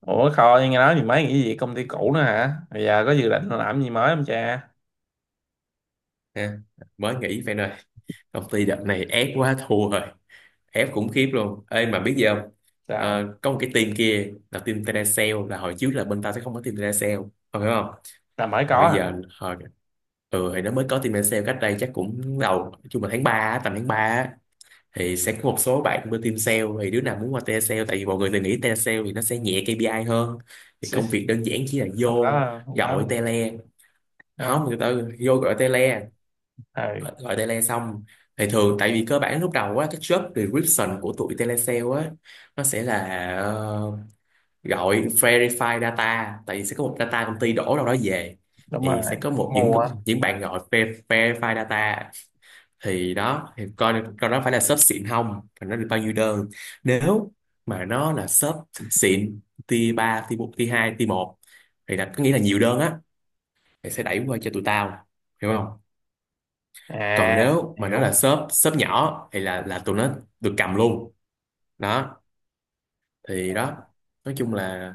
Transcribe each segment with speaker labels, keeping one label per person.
Speaker 1: Ủa, Khôi nghe nói thì mới nghỉ việc công ty cũ nữa hả? Bây giờ có dự định làm gì mới không cha?
Speaker 2: Ha, mới nghỉ Phan ơi. Công ty đợt này ép quá thua rồi, ép khủng khiếp luôn. Ê mà biết gì không?
Speaker 1: Sao?
Speaker 2: Có một cái team kia là team telesale, là hồi trước là bên tao sẽ không có team telesale, không hiểu không?
Speaker 1: Là mới
Speaker 2: Rồi
Speaker 1: có
Speaker 2: bây
Speaker 1: hả?
Speaker 2: giờ hồi thì nó mới có team telesale cách đây chắc cũng đầu, chung là tháng 3, tầm tháng 3 thì sẽ có một số bạn bên team sale, thì đứa nào muốn qua telesale tại vì mọi người thì nghĩ telesale thì nó sẽ nhẹ KPI hơn, thì
Speaker 1: Chứ,
Speaker 2: công việc đơn giản chỉ là
Speaker 1: không
Speaker 2: vô
Speaker 1: có, không có,
Speaker 2: gọi
Speaker 1: không
Speaker 2: tele.
Speaker 1: có.
Speaker 2: Không, người ta vô gọi tele,
Speaker 1: Ừ,
Speaker 2: gọi gọi tele xong, thì thường tại vì cơ bản lúc đầu á, cái job description của tụi telesale á, nó sẽ là ờ, gọi verify data, tại vì sẽ có một data công ty đổ đâu đó về,
Speaker 1: đúng
Speaker 2: thì
Speaker 1: rồi.
Speaker 2: sẽ có một những
Speaker 1: Mua.
Speaker 2: những bạn gọi verify data, thì đó thì coi coi đó phải là shop xịn không và nó được bao nhiêu đơn. Nếu mà nó là shop xịn, tier ba, tier bốn, tier hai, tier một, thì là có nghĩa là nhiều đơn á, thì sẽ đẩy qua cho tụi tao, hiểu không? Còn
Speaker 1: À,
Speaker 2: nếu mà nó là
Speaker 1: hiểu.
Speaker 2: shop shop nhỏ thì là tụi nó được cầm luôn đó. Thì đó, nói chung là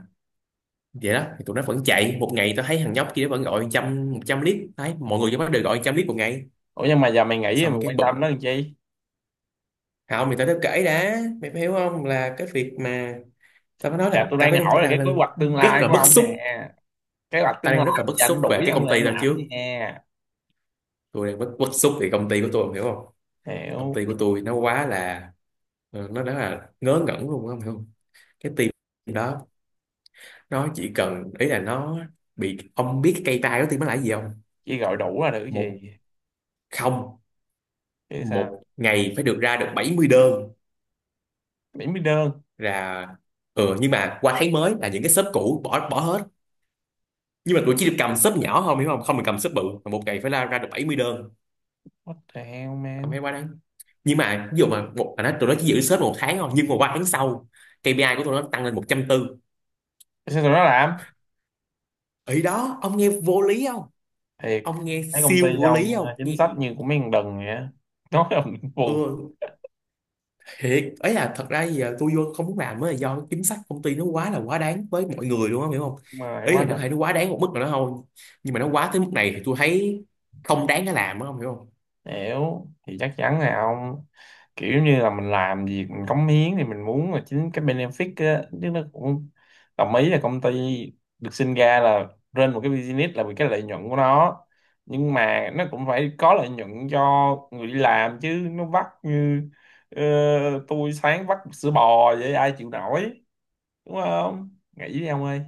Speaker 2: vậy đó, thì tụi nó vẫn chạy một ngày, tao thấy thằng nhóc kia nó vẫn gọi trăm, một trăm lít, thấy mọi người trong đó đều gọi trăm lít một ngày.
Speaker 1: Ủa nhưng mà giờ mày nghĩ
Speaker 2: Xong
Speaker 1: mày
Speaker 2: cái
Speaker 1: quan
Speaker 2: bực.
Speaker 1: tâm nó làm chi?
Speaker 2: Không thì tao đã kể đã, mày phải hiểu không, là cái việc mà tao mới nói
Speaker 1: Dạ
Speaker 2: là
Speaker 1: tôi
Speaker 2: tao
Speaker 1: đang
Speaker 2: mới đang,
Speaker 1: hỏi
Speaker 2: tao
Speaker 1: là cái kế
Speaker 2: đang
Speaker 1: hoạch tương
Speaker 2: rất
Speaker 1: lai
Speaker 2: là
Speaker 1: của
Speaker 2: bức
Speaker 1: ông
Speaker 2: xúc.
Speaker 1: nè. Kế hoạch
Speaker 2: Tao
Speaker 1: tương lai
Speaker 2: đang rất là
Speaker 1: bây
Speaker 2: bức
Speaker 1: giờ nó
Speaker 2: xúc về
Speaker 1: đuổi
Speaker 2: cái
Speaker 1: ông
Speaker 2: công
Speaker 1: là
Speaker 2: ty
Speaker 1: ông
Speaker 2: tao
Speaker 1: làm
Speaker 2: trước.
Speaker 1: gì nè?
Speaker 2: Tôi đang bức xúc về công ty của tôi, mày hiểu không? Công
Speaker 1: Hiểu.
Speaker 2: ty của tôi nó quá là nó đã là ngớ ngẩn luôn, mày hiểu không? Cái team đó nó chỉ cần, ý là nó bị, ông biết cái cây tay đó thì nó là cái gì không?
Speaker 1: Chỉ gọi đủ là được cái
Speaker 2: Một.
Speaker 1: gì?
Speaker 2: Không,
Speaker 1: Chứ sao?
Speaker 2: một ngày phải được ra được 70 đơn.
Speaker 1: Mỹ mới đơn.
Speaker 2: Là ừ, nhưng mà qua tháng mới là những cái shop cũ bỏ bỏ hết, nhưng mà tụi chỉ được cầm shop nhỏ không, hiểu không, không được cầm shop bự, mà một ngày phải ra ra được 70 đơn.
Speaker 1: What the hell
Speaker 2: Ông thấy
Speaker 1: man?
Speaker 2: quá đáng. Nhưng mà ví dụ mà một mà nó, tụi nó chỉ giữ shop một tháng thôi nhưng mà qua tháng sau KPI của tụi nó tăng lên một trăm tư.
Speaker 1: Sao tụi nó làm?
Speaker 2: Ý đó ông nghe vô lý không?
Speaker 1: Thiệt,
Speaker 2: Ông nghe
Speaker 1: thấy công ty
Speaker 2: siêu vô lý
Speaker 1: ông à,
Speaker 2: không,
Speaker 1: chính
Speaker 2: nghe?
Speaker 1: sách như của mấy thằng đần vậy á nói ông cũng buồn,
Speaker 2: Ừ, thiệt ấy, là thật ra giờ tôi vô không muốn làm mới là do cái chính sách công ty nó quá là quá đáng với mọi người luôn á, hiểu không?
Speaker 1: mà lại
Speaker 2: Ý
Speaker 1: quá
Speaker 2: là nó
Speaker 1: đần.
Speaker 2: có thể nó quá đáng một mức nào đó thôi, nhưng mà nó quá tới mức này thì tôi thấy không đáng để làm á, không hiểu không?
Speaker 1: Hiểu, thì chắc chắn là ông kiểu như là mình làm việc mình cống hiến thì mình muốn là chính cái benefit á, chứ nó cũng đồng ý là công ty được sinh ra là trên một cái business là vì cái lợi nhuận của nó, nhưng mà nó cũng phải có lợi nhuận cho người đi làm, chứ nó vắt như ờ, tôi sáng vắt sữa bò vậy ai chịu nổi, đúng không? Nghĩ đi ông ơi,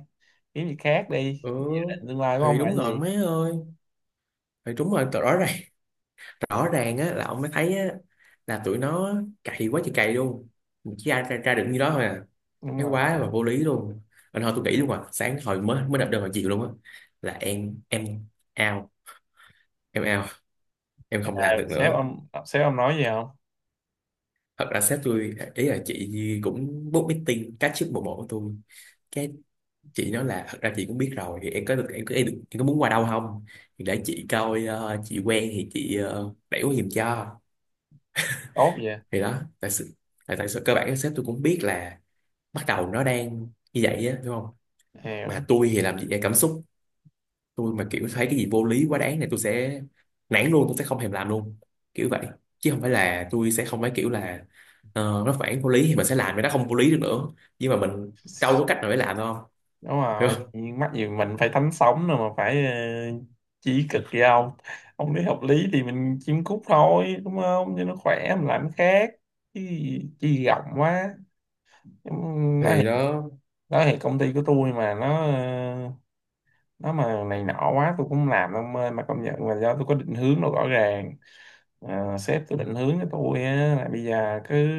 Speaker 1: kiếm gì khác đi.
Speaker 2: Ừ
Speaker 1: Định tương lai của
Speaker 2: thì
Speaker 1: ông là
Speaker 2: đúng
Speaker 1: cái
Speaker 2: rồi
Speaker 1: gì?
Speaker 2: mấy ơi, thì đúng rồi, rõ ràng, rõ ràng á, là ông mới thấy á, là tụi nó cày quá trời cày luôn. Mà chỉ ra được như đó thôi à,
Speaker 1: Đúng
Speaker 2: thấy quá
Speaker 1: rồi.
Speaker 2: là vô lý luôn. Anh thôi tôi nghĩ luôn à, sáng hồi mới mới đập đơn vào chiều luôn á, là em out, em out, em không làm
Speaker 1: À,
Speaker 2: được
Speaker 1: sếp
Speaker 2: nữa.
Speaker 1: ông, sếp ông nói gì không?
Speaker 2: Thật ra sếp tôi, ý là chị Nhi cũng book meeting cá trước bộ bộ của tôi cái, chị nói là thật ra chị cũng biết rồi, thì em có được, em có, em, em có muốn qua đâu không, thì để chị coi, chị quen thì chị đẩy qua giùm cho.
Speaker 1: Tốt vậy.
Speaker 2: Thì đó tại sự, tại sự cơ bản sếp tôi cũng biết là bắt đầu nó đang như vậy á, đúng không? Mà
Speaker 1: Hiểu.
Speaker 2: tôi thì làm gì em cảm xúc, tôi mà kiểu thấy cái gì vô lý quá đáng này tôi sẽ nản luôn, tôi sẽ không thèm làm luôn, kiểu vậy. Chứ không phải là tôi sẽ không, phải kiểu là nó phản vô lý thì mình sẽ làm cái nó không vô lý được nữa, nhưng mà mình đâu có cách nào để làm đâu,
Speaker 1: Đúng
Speaker 2: hiểu
Speaker 1: rồi,
Speaker 2: không?
Speaker 1: chuyện mắc gì mình phải thánh sống rồi mà phải chí cực gì không. Ông lý hợp lý thì mình chiêm cúc thôi, đúng không, cho nó khỏe mình làm cái khác, chứ chi rộng quá. Ừm, nói
Speaker 2: Thì
Speaker 1: thiệt,
Speaker 2: nó
Speaker 1: nói thiệt công ty của tôi mà nó nó mà này nọ quá tôi cũng không làm đâu ông ơi, mà công nhận là do tôi có định hướng nó rõ ràng. Ờ, sếp cứ định hướng cho tôi á là bây giờ cứ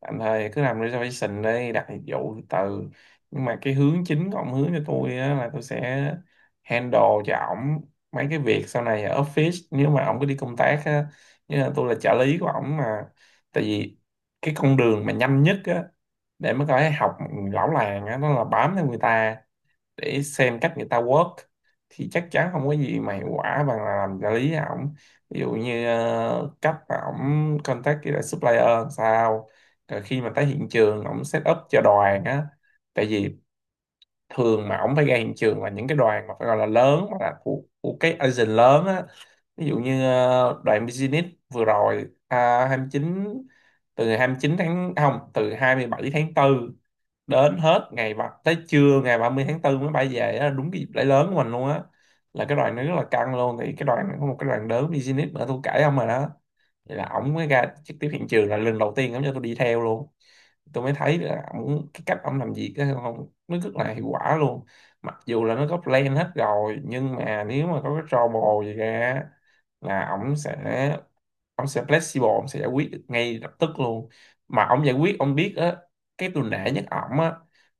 Speaker 1: tạm thời cứ làm reservation đi, đặt dịch vụ từ từ, nhưng mà cái hướng chính của ông hướng cho tôi á là tôi sẽ handle cho ổng mấy cái việc sau này ở office nếu mà ổng cứ đi công tác á, như là tôi là trợ lý của ổng mà. Tại vì cái con đường mà nhanh nhất á để mà có thể học lão làng á nó là bám theo người ta để xem cách người ta work, thì chắc chắn không có gì mà hiệu quả bằng là làm trợ lý ổng. Ví dụ như cách mà ổng contact với lại supplier làm sao, rồi khi mà tới hiện trường ổng set up cho đoàn á. Tại vì thường mà ổng phải ra hiện trường là những cái đoàn mà phải gọi là lớn, mà là của cái agent lớn á. Ví dụ như đoàn business vừa rồi à, 29, từ ngày 9 tháng không từ 27 tháng tư đến hết ngày 3, tới trưa ngày 30 tháng tư mới bay về á, đúng cái dịp lễ lớn của mình luôn á, là cái đoàn nó rất là căng luôn. Thì cái đoàn có một cái đoàn lớn business nữa tôi kể ông rồi đó, thì là ổng mới ra trực tiếp hiện trường là lần đầu tiên ổng cho tôi đi theo luôn. Tôi mới thấy là ổng, cái cách ổng làm việc á, không, nó rất là hiệu quả luôn. Mặc dù là nó có plan hết rồi nhưng mà nếu mà có cái trouble gì ra á, là ổng sẽ, ông sẽ flexible, ông sẽ giải quyết được ngay lập tức luôn. Mà ông giải quyết ông biết á, cái tôi nể nhất ổng á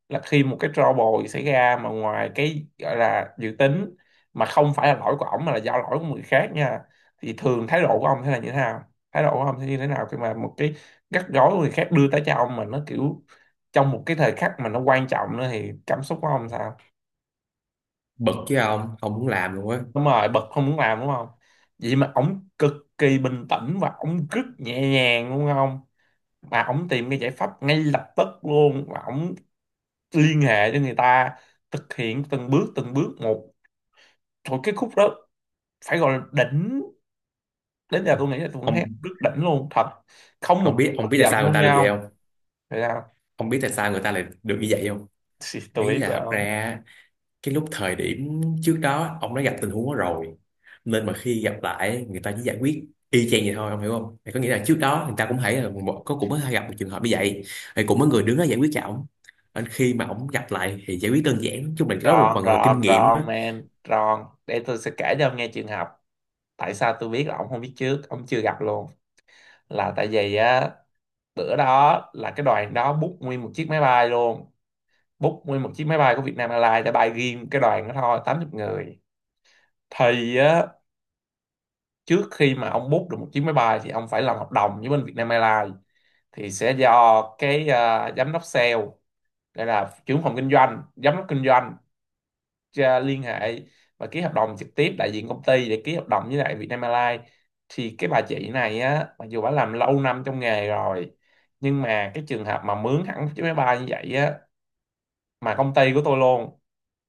Speaker 1: là khi một cái trouble xảy ra mà ngoài cái gọi là dự tính, mà không phải là lỗi của ổng mà là do lỗi của người khác nha, thì thường thái độ của ông sẽ là như thế nào? Thái độ của ông sẽ như thế nào khi mà một cái rắc rối của người khác đưa tới cho ông, mà nó kiểu trong một cái thời khắc mà nó quan trọng nữa, thì cảm xúc của ông sao?
Speaker 2: bực với ông không muốn làm luôn á.
Speaker 1: Đúng rồi, bật không muốn làm đúng không? Vậy mà ổng cực kỳ bình tĩnh và ổng rất nhẹ nhàng đúng không, mà ổng tìm cái giải pháp ngay lập tức luôn và ổng liên hệ với người ta, thực hiện từng bước một. Thôi cái khúc đó phải gọi là đỉnh, đến giờ tôi nghĩ là tôi vẫn
Speaker 2: ông
Speaker 1: thấy rất đỉnh luôn thật, không
Speaker 2: ông
Speaker 1: một chút
Speaker 2: biết,
Speaker 1: tức
Speaker 2: ông biết tại
Speaker 1: giận
Speaker 2: sao người
Speaker 1: luôn
Speaker 2: ta được
Speaker 1: nhau
Speaker 2: vậy
Speaker 1: không.
Speaker 2: không?
Speaker 1: Thấy không?
Speaker 2: Ông biết tại sao người ta lại được như vậy không?
Speaker 1: Xì, tôi
Speaker 2: Ý
Speaker 1: biết
Speaker 2: là
Speaker 1: rồi
Speaker 2: thật
Speaker 1: không?
Speaker 2: ra cái lúc thời điểm trước đó ông đã gặp tình huống đó rồi, nên mà khi gặp lại người ta chỉ giải quyết y chang vậy thôi, ông hiểu không? Thì có nghĩa là trước đó người ta cũng thấy là có, cũng có gặp một trường hợp như vậy, thì cũng có người đứng đó giải quyết cho ổng, nên khi mà ổng gặp lại thì giải quyết đơn giản. Nói chung là có một
Speaker 1: Ron
Speaker 2: phần là kinh
Speaker 1: Ron
Speaker 2: nghiệm á.
Speaker 1: Ron man Ron, để tôi sẽ kể cho ông nghe trường hợp tại sao tôi biết là ông không biết trước, ông chưa gặp luôn. Là tại vì á, bữa đó là cái đoàn đó book nguyên một chiếc máy bay luôn, book nguyên một chiếc máy bay của Vietnam Airlines để bay riêng cái đoàn đó thôi, 80 người. Thì á, trước khi mà ông book được một chiếc máy bay thì ông phải làm hợp đồng với bên Vietnam Airlines, thì sẽ do cái à, giám đốc sale, đây là trưởng phòng kinh doanh, giám đốc kinh doanh à, liên hệ và ký hợp đồng trực tiếp đại diện công ty để ký hợp đồng với lại Vietnam Airlines. Thì cái bà chị này á, mặc dù bà làm lâu năm trong nghề rồi, nhưng mà cái trường hợp mà mướn hẳn một chiếc máy bay như vậy á, mà công ty của tôi luôn,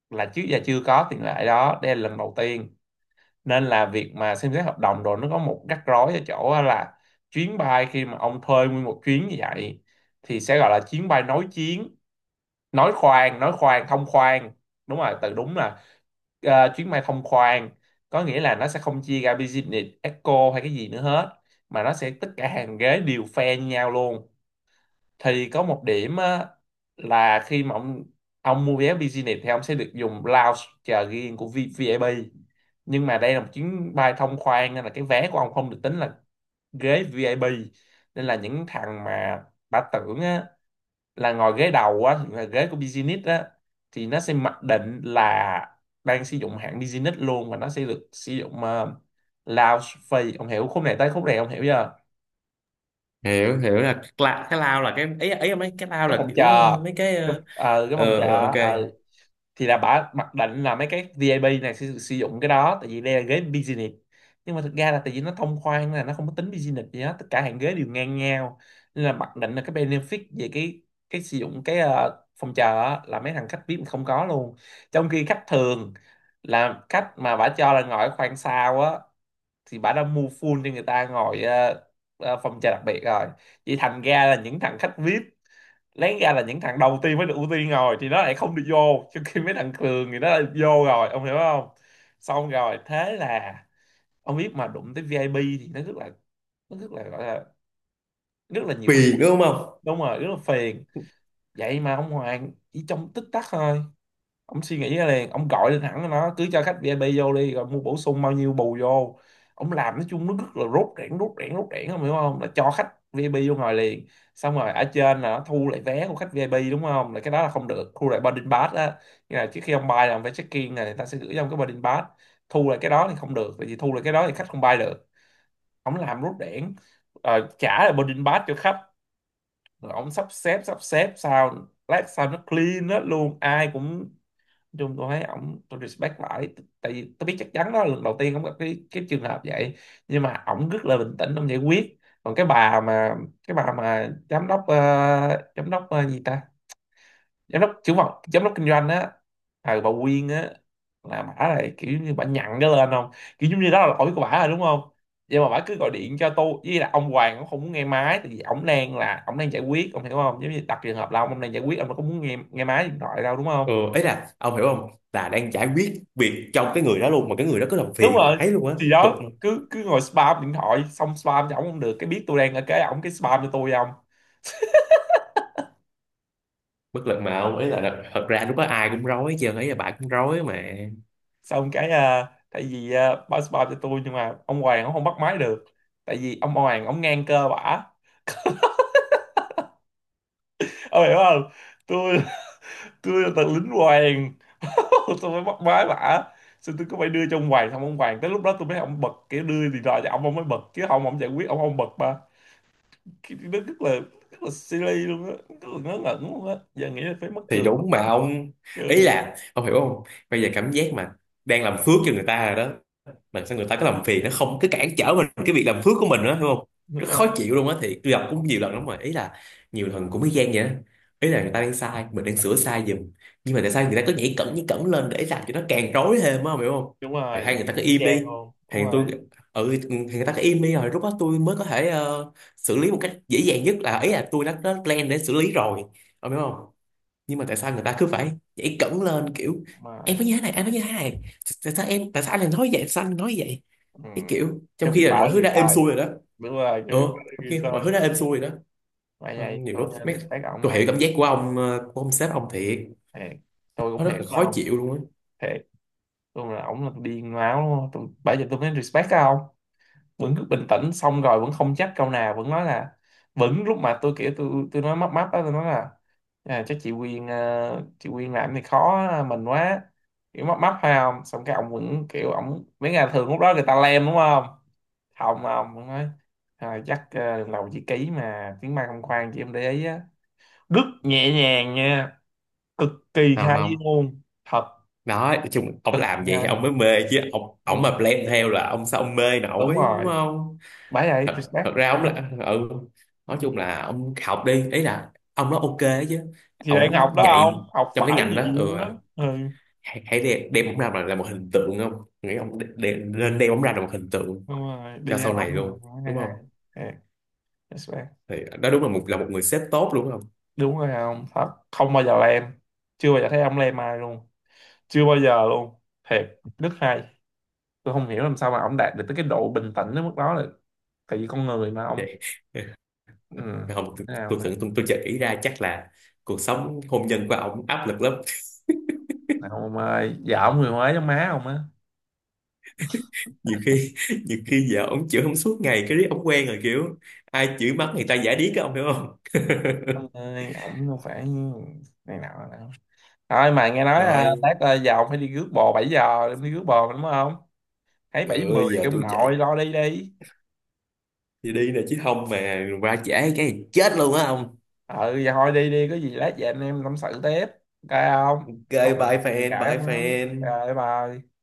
Speaker 1: là trước giờ chưa có tiền lệ đó, đây là lần đầu tiên. Nên là việc mà xem xét hợp đồng rồi, nó có một rắc rối ở chỗ á là chuyến bay khi mà ông thuê nguyên một chuyến như vậy thì sẽ gọi là chuyến bay nối chuyến, nói khoang, nói khoang thông khoang. Đúng rồi, từ đúng là chuyến bay thông khoang, có nghĩa là nó sẽ không chia ra business eco hay cái gì nữa hết, mà nó sẽ tất cả hàng ghế đều phe như nhau luôn. Thì có một điểm á, là khi mà ông mua vé business thì ông sẽ được dùng lounge chờ riêng của VIP, nhưng mà đây là một chuyến bay thông khoang nên là cái vé của ông không được tính là ghế VIP. Nên là những thằng mà bà tưởng á, là ngồi ghế đầu á thì là ghế của business á, thì nó sẽ mặc định là đang sử dụng hạng business luôn và nó sẽ được sử dụng lounge free, ông hiểu khúc này, tới khúc này ông hiểu chưa?
Speaker 2: Hiểu, hiểu là cái lao, là cái ấy ấy, mấy cái lao
Speaker 1: Cái
Speaker 2: là
Speaker 1: phòng
Speaker 2: kiểu
Speaker 1: chờ,
Speaker 2: mấy
Speaker 1: cái, cái phòng chờ.
Speaker 2: ờ, ok,
Speaker 1: Ờ, thì là bả mặc định là mấy cái VIP này sẽ được sử dụng cái đó tại vì đây là ghế business, nhưng mà thực ra là tại vì nó thông khoan là nó không có tính business gì hết, tất cả hàng ghế đều ngang nhau. Nên là mặc định là cái benefit về cái sử dụng cái phòng chờ á, là mấy thằng khách VIP không có luôn. Trong khi khách thường là khách mà bả cho là ngồi ở khoang sau á, thì bả đã mua full cho người ta ngồi phòng chờ đặc biệt rồi. Vậy thành ra là những thằng khách VIP lấy ra là những thằng đầu tiên mới được ưu tiên rồi, thì nó lại không được vô, trong khi mấy thằng thường thì nó lại vô rồi, ông hiểu không? Xong rồi thế là ông biết mà đụng tới VIP thì nó rất là, nó rất là gọi là rất là nhiều bức.
Speaker 2: phiền đúng không.
Speaker 1: Đúng rồi, rất là phiền. Vậy mà ông Hoàng chỉ trong tích tắc thôi, ông suy nghĩ ra liền, ông gọi lên hẳn nó cứ cho khách VIP vô đi rồi mua bổ sung bao nhiêu bù vô. Ông làm nói chung nó rất là rốt rẽn rốt rẽn rốt rẽn, ông hiểu không, là cho khách VIP vô ngồi liền. Xong rồi ở trên là nó thu lại vé của khách VIP đúng không, là cái đó là không được thu lại boarding pass á, như là trước khi ông bay là ông phải check in này, người ta sẽ gửi cho ông cái boarding pass, thu lại cái đó thì không được tại vì thu lại cái đó thì khách không bay được. Ông làm rốt rẽn, trả lại boarding pass cho khách, rồi ông sắp xếp sao lát sao nó clean hết luôn, ai cũng, chung tôi thấy ổng tôi respect lại. Tại vì tôi biết chắc chắn đó là lần đầu tiên ổng gặp cái trường hợp vậy, nhưng mà ổng rất là bình tĩnh ổng giải quyết. Còn cái bà mà, cái bà mà giám đốc giám đốc gì ta, giám đốc trưởng phòng Giám đốc kinh doanh á, bà Quyên á. Là bả này kiểu như bả nhặn cái lên không, kiểu giống như đó là lỗi của bả rồi, đúng không? Nhưng mà bả cứ gọi điện cho tôi, với là ông Hoàng cũng không muốn nghe máy, tại vì ổng đang là ổng đang giải quyết, ông hiểu không? Giống như đặt trường hợp là ông đang giải quyết, ông đâu có muốn nghe nghe máy điện thoại đâu, đúng không?
Speaker 2: Ừ, ấy là ông hiểu không, là đang giải quyết việc trong cái người đó luôn mà cái người đó cứ làm
Speaker 1: Đúng
Speaker 2: phiền
Speaker 1: rồi.
Speaker 2: mãi luôn á,
Speaker 1: Thì
Speaker 2: bực,
Speaker 1: đó, cứ cứ ngồi spam điện thoại, xong spam cho ổng không được, cái biết tôi đang ở cái ổng cái spam cho tôi không.
Speaker 2: bất lực mà ông, ý là thật ra lúc đó ai cũng rối chứ, ý là bà cũng rối mà.
Speaker 1: Xong cái, tại vì báo spam cho tôi, nhưng mà ông Hoàng ông không bắt máy được. Tại vì ông Hoàng ông ngang cơ bả, ông hiểu không? tôi tôi là tờ lính Hoàng. Tôi mới bắt máy bả. Xong tôi cứ phải đưa cho ông Hoàng, xong ông Hoàng tới lúc đó tôi mới ông bật, kiểu đưa điện thoại cho ông mới bật, chứ không ông giải quyết ông không bật mà. Nó rất là silly luôn á, rất là ngớ ngẩn luôn á, giờ nghĩ là phải mắc
Speaker 2: Thì
Speaker 1: cười.
Speaker 2: đúng mà ông, ý
Speaker 1: Ừ.
Speaker 2: là ông hiểu không, bây giờ cảm giác mà đang làm phước cho người ta rồi đó, mà sao người ta cứ làm phiền, nó không, cứ cản trở mình cái việc làm phước của mình đó, đúng không?
Speaker 1: Đúng
Speaker 2: Rất khó
Speaker 1: rồi.
Speaker 2: chịu luôn á. Thì tôi gặp cũng nhiều lần lắm rồi, ý là nhiều lần cũng mới gian vậy đó, ý là người ta đang sai, mình đang sửa sai giùm, nhưng mà tại sao người ta cứ nhảy cẩn, nhảy cẩn lên để làm cho nó càng rối thêm á, hiểu không? Rồi hay người ta cứ
Speaker 1: Y
Speaker 2: im đi,
Speaker 1: chang luôn,
Speaker 2: thì
Speaker 1: đúng
Speaker 2: tôi,
Speaker 1: rồi.
Speaker 2: ừ thì người ta cứ im đi rồi lúc đó tôi mới có thể xử lý một cách dễ dàng nhất, là ý là tôi đã có plan để xử lý rồi, ông hiểu không? Nhưng mà tại sao người ta cứ phải nhảy cẫng lên kiểu
Speaker 1: Đúng rồi.
Speaker 2: em nói như thế này, anh nói như thế này, tại sao em, tại sao anh lại nói vậy, tại sao anh nói vậy,
Speaker 1: Ừ.
Speaker 2: cái kiểu trong
Speaker 1: Trong khi
Speaker 2: khi
Speaker 1: bà
Speaker 2: là mọi
Speaker 1: là
Speaker 2: thứ
Speaker 1: người
Speaker 2: đã êm
Speaker 1: sai.
Speaker 2: xuôi rồi đó.
Speaker 1: Đúng rồi, trong
Speaker 2: Ừ,
Speaker 1: khi bà là
Speaker 2: trong
Speaker 1: người
Speaker 2: khi mọi
Speaker 1: sai.
Speaker 2: thứ đã êm xuôi rồi đó.
Speaker 1: Vậy
Speaker 2: Ờ,
Speaker 1: này
Speaker 2: nhiều
Speaker 1: tôi
Speaker 2: lúc mấy,
Speaker 1: respect ổng
Speaker 2: tôi
Speaker 1: ai.
Speaker 2: hiểu cảm giác của ông, của ông sếp ông thiệt,
Speaker 1: Thiệt. Tôi cũng
Speaker 2: nó rất
Speaker 1: thiệt
Speaker 2: là
Speaker 1: mà
Speaker 2: khó
Speaker 1: không.
Speaker 2: chịu luôn á.
Speaker 1: Thiệt. Tôi là ổng là điên máu luôn, tôi bây giờ tôi mới respect ông. Vẫn cứ bình tĩnh, xong rồi vẫn không chắc câu nào, vẫn nói là, vẫn lúc mà tôi kiểu tôi nói mấp máp á, tôi nói là, chắc chị Quyên, chị Quyên làm thì khó mình quá, kiểu mấp máp phải không. Xong cái ông vẫn kiểu ông mấy ngày thường lúc đó người ta lem đúng không. Không, ông vẫn nói, chắc lần đầu chị ký mà tiếng Mai không, khoan chị em để ý á. Rất nhẹ nhàng nha, cực kỳ
Speaker 2: Không,
Speaker 1: hay
Speaker 2: không,
Speaker 1: luôn thật.
Speaker 2: đó nói chung ông
Speaker 1: Cực
Speaker 2: làm
Speaker 1: kỳ
Speaker 2: vậy thì
Speaker 1: hay.
Speaker 2: ông mới mê chứ, ông
Speaker 1: Đúng
Speaker 2: mà
Speaker 1: rồi.
Speaker 2: blame theo là ông sao ông mê
Speaker 1: Đúng
Speaker 2: nổi, đúng
Speaker 1: rồi.
Speaker 2: không?
Speaker 1: Bái ấy respect.
Speaker 2: Thật ra ông là ừ,
Speaker 1: Ừ.
Speaker 2: nói chung là ông học đi, ý là ông nói ok chứ,
Speaker 1: Thì đang
Speaker 2: ông
Speaker 1: học đó,
Speaker 2: nhạy
Speaker 1: không học
Speaker 2: trong cái
Speaker 1: phải
Speaker 2: ngành đó, ừ.
Speaker 1: nhiều đó. Ừ.
Speaker 2: Hãy đem ông ra mà là một hình tượng, không, nghĩ ông nên đem ông ra là một hình tượng
Speaker 1: Đúng rồi,
Speaker 2: cho
Speaker 1: đi học
Speaker 2: sau này luôn,
Speaker 1: không hai
Speaker 2: đúng
Speaker 1: hay.
Speaker 2: không?
Speaker 1: Yeah, that's right.
Speaker 2: Thì đó đúng là một, là một người sếp tốt đúng không?
Speaker 1: Đúng rồi, không thật, không bao giờ lem. Chưa bao giờ thấy ông lem ai luôn. Chưa bao giờ luôn. Thiệt rất hay. Tôi không hiểu làm sao mà ông đạt được tới cái độ bình tĩnh đến mức đó, là tại vì con người mà ông.
Speaker 2: Vậy.
Speaker 1: Ừ.
Speaker 2: Không, tôi
Speaker 1: Thế nào
Speaker 2: tôi tưởng
Speaker 1: mà
Speaker 2: tôi chợt ý ra chắc là cuộc sống hôn nhân của ông áp lực lắm,
Speaker 1: nào, ông ơi vợ ông người Huế giống má ông á.
Speaker 2: nhiều khi nhiều khi vợ ông chửi ông suốt ngày, cái riết ông quen rồi kiểu ai chửi mắng người ta giả điếc á, ông hiểu không?
Speaker 1: Ông ơi ổng không phải, này nào nào, thôi mà nghe nói,
Speaker 2: Rồi
Speaker 1: lát, giờ ông phải đi rước bò, 7 giờ đi rước bò mà đúng không. Thấy bảy
Speaker 2: ừ,
Speaker 1: mười
Speaker 2: giờ
Speaker 1: kêu ông
Speaker 2: tôi chạy,
Speaker 1: nội lo đi đi.
Speaker 2: thì đi nè chứ không mà va chạm cái chết luôn á ông.
Speaker 1: Ừ, dạ thôi đi đi, có gì lát về anh em tâm sự tiếp. Ok không?
Speaker 2: Ok,
Speaker 1: Còn chuyện cãi
Speaker 2: bye
Speaker 1: không lắm.
Speaker 2: fan
Speaker 1: Ok. Bye.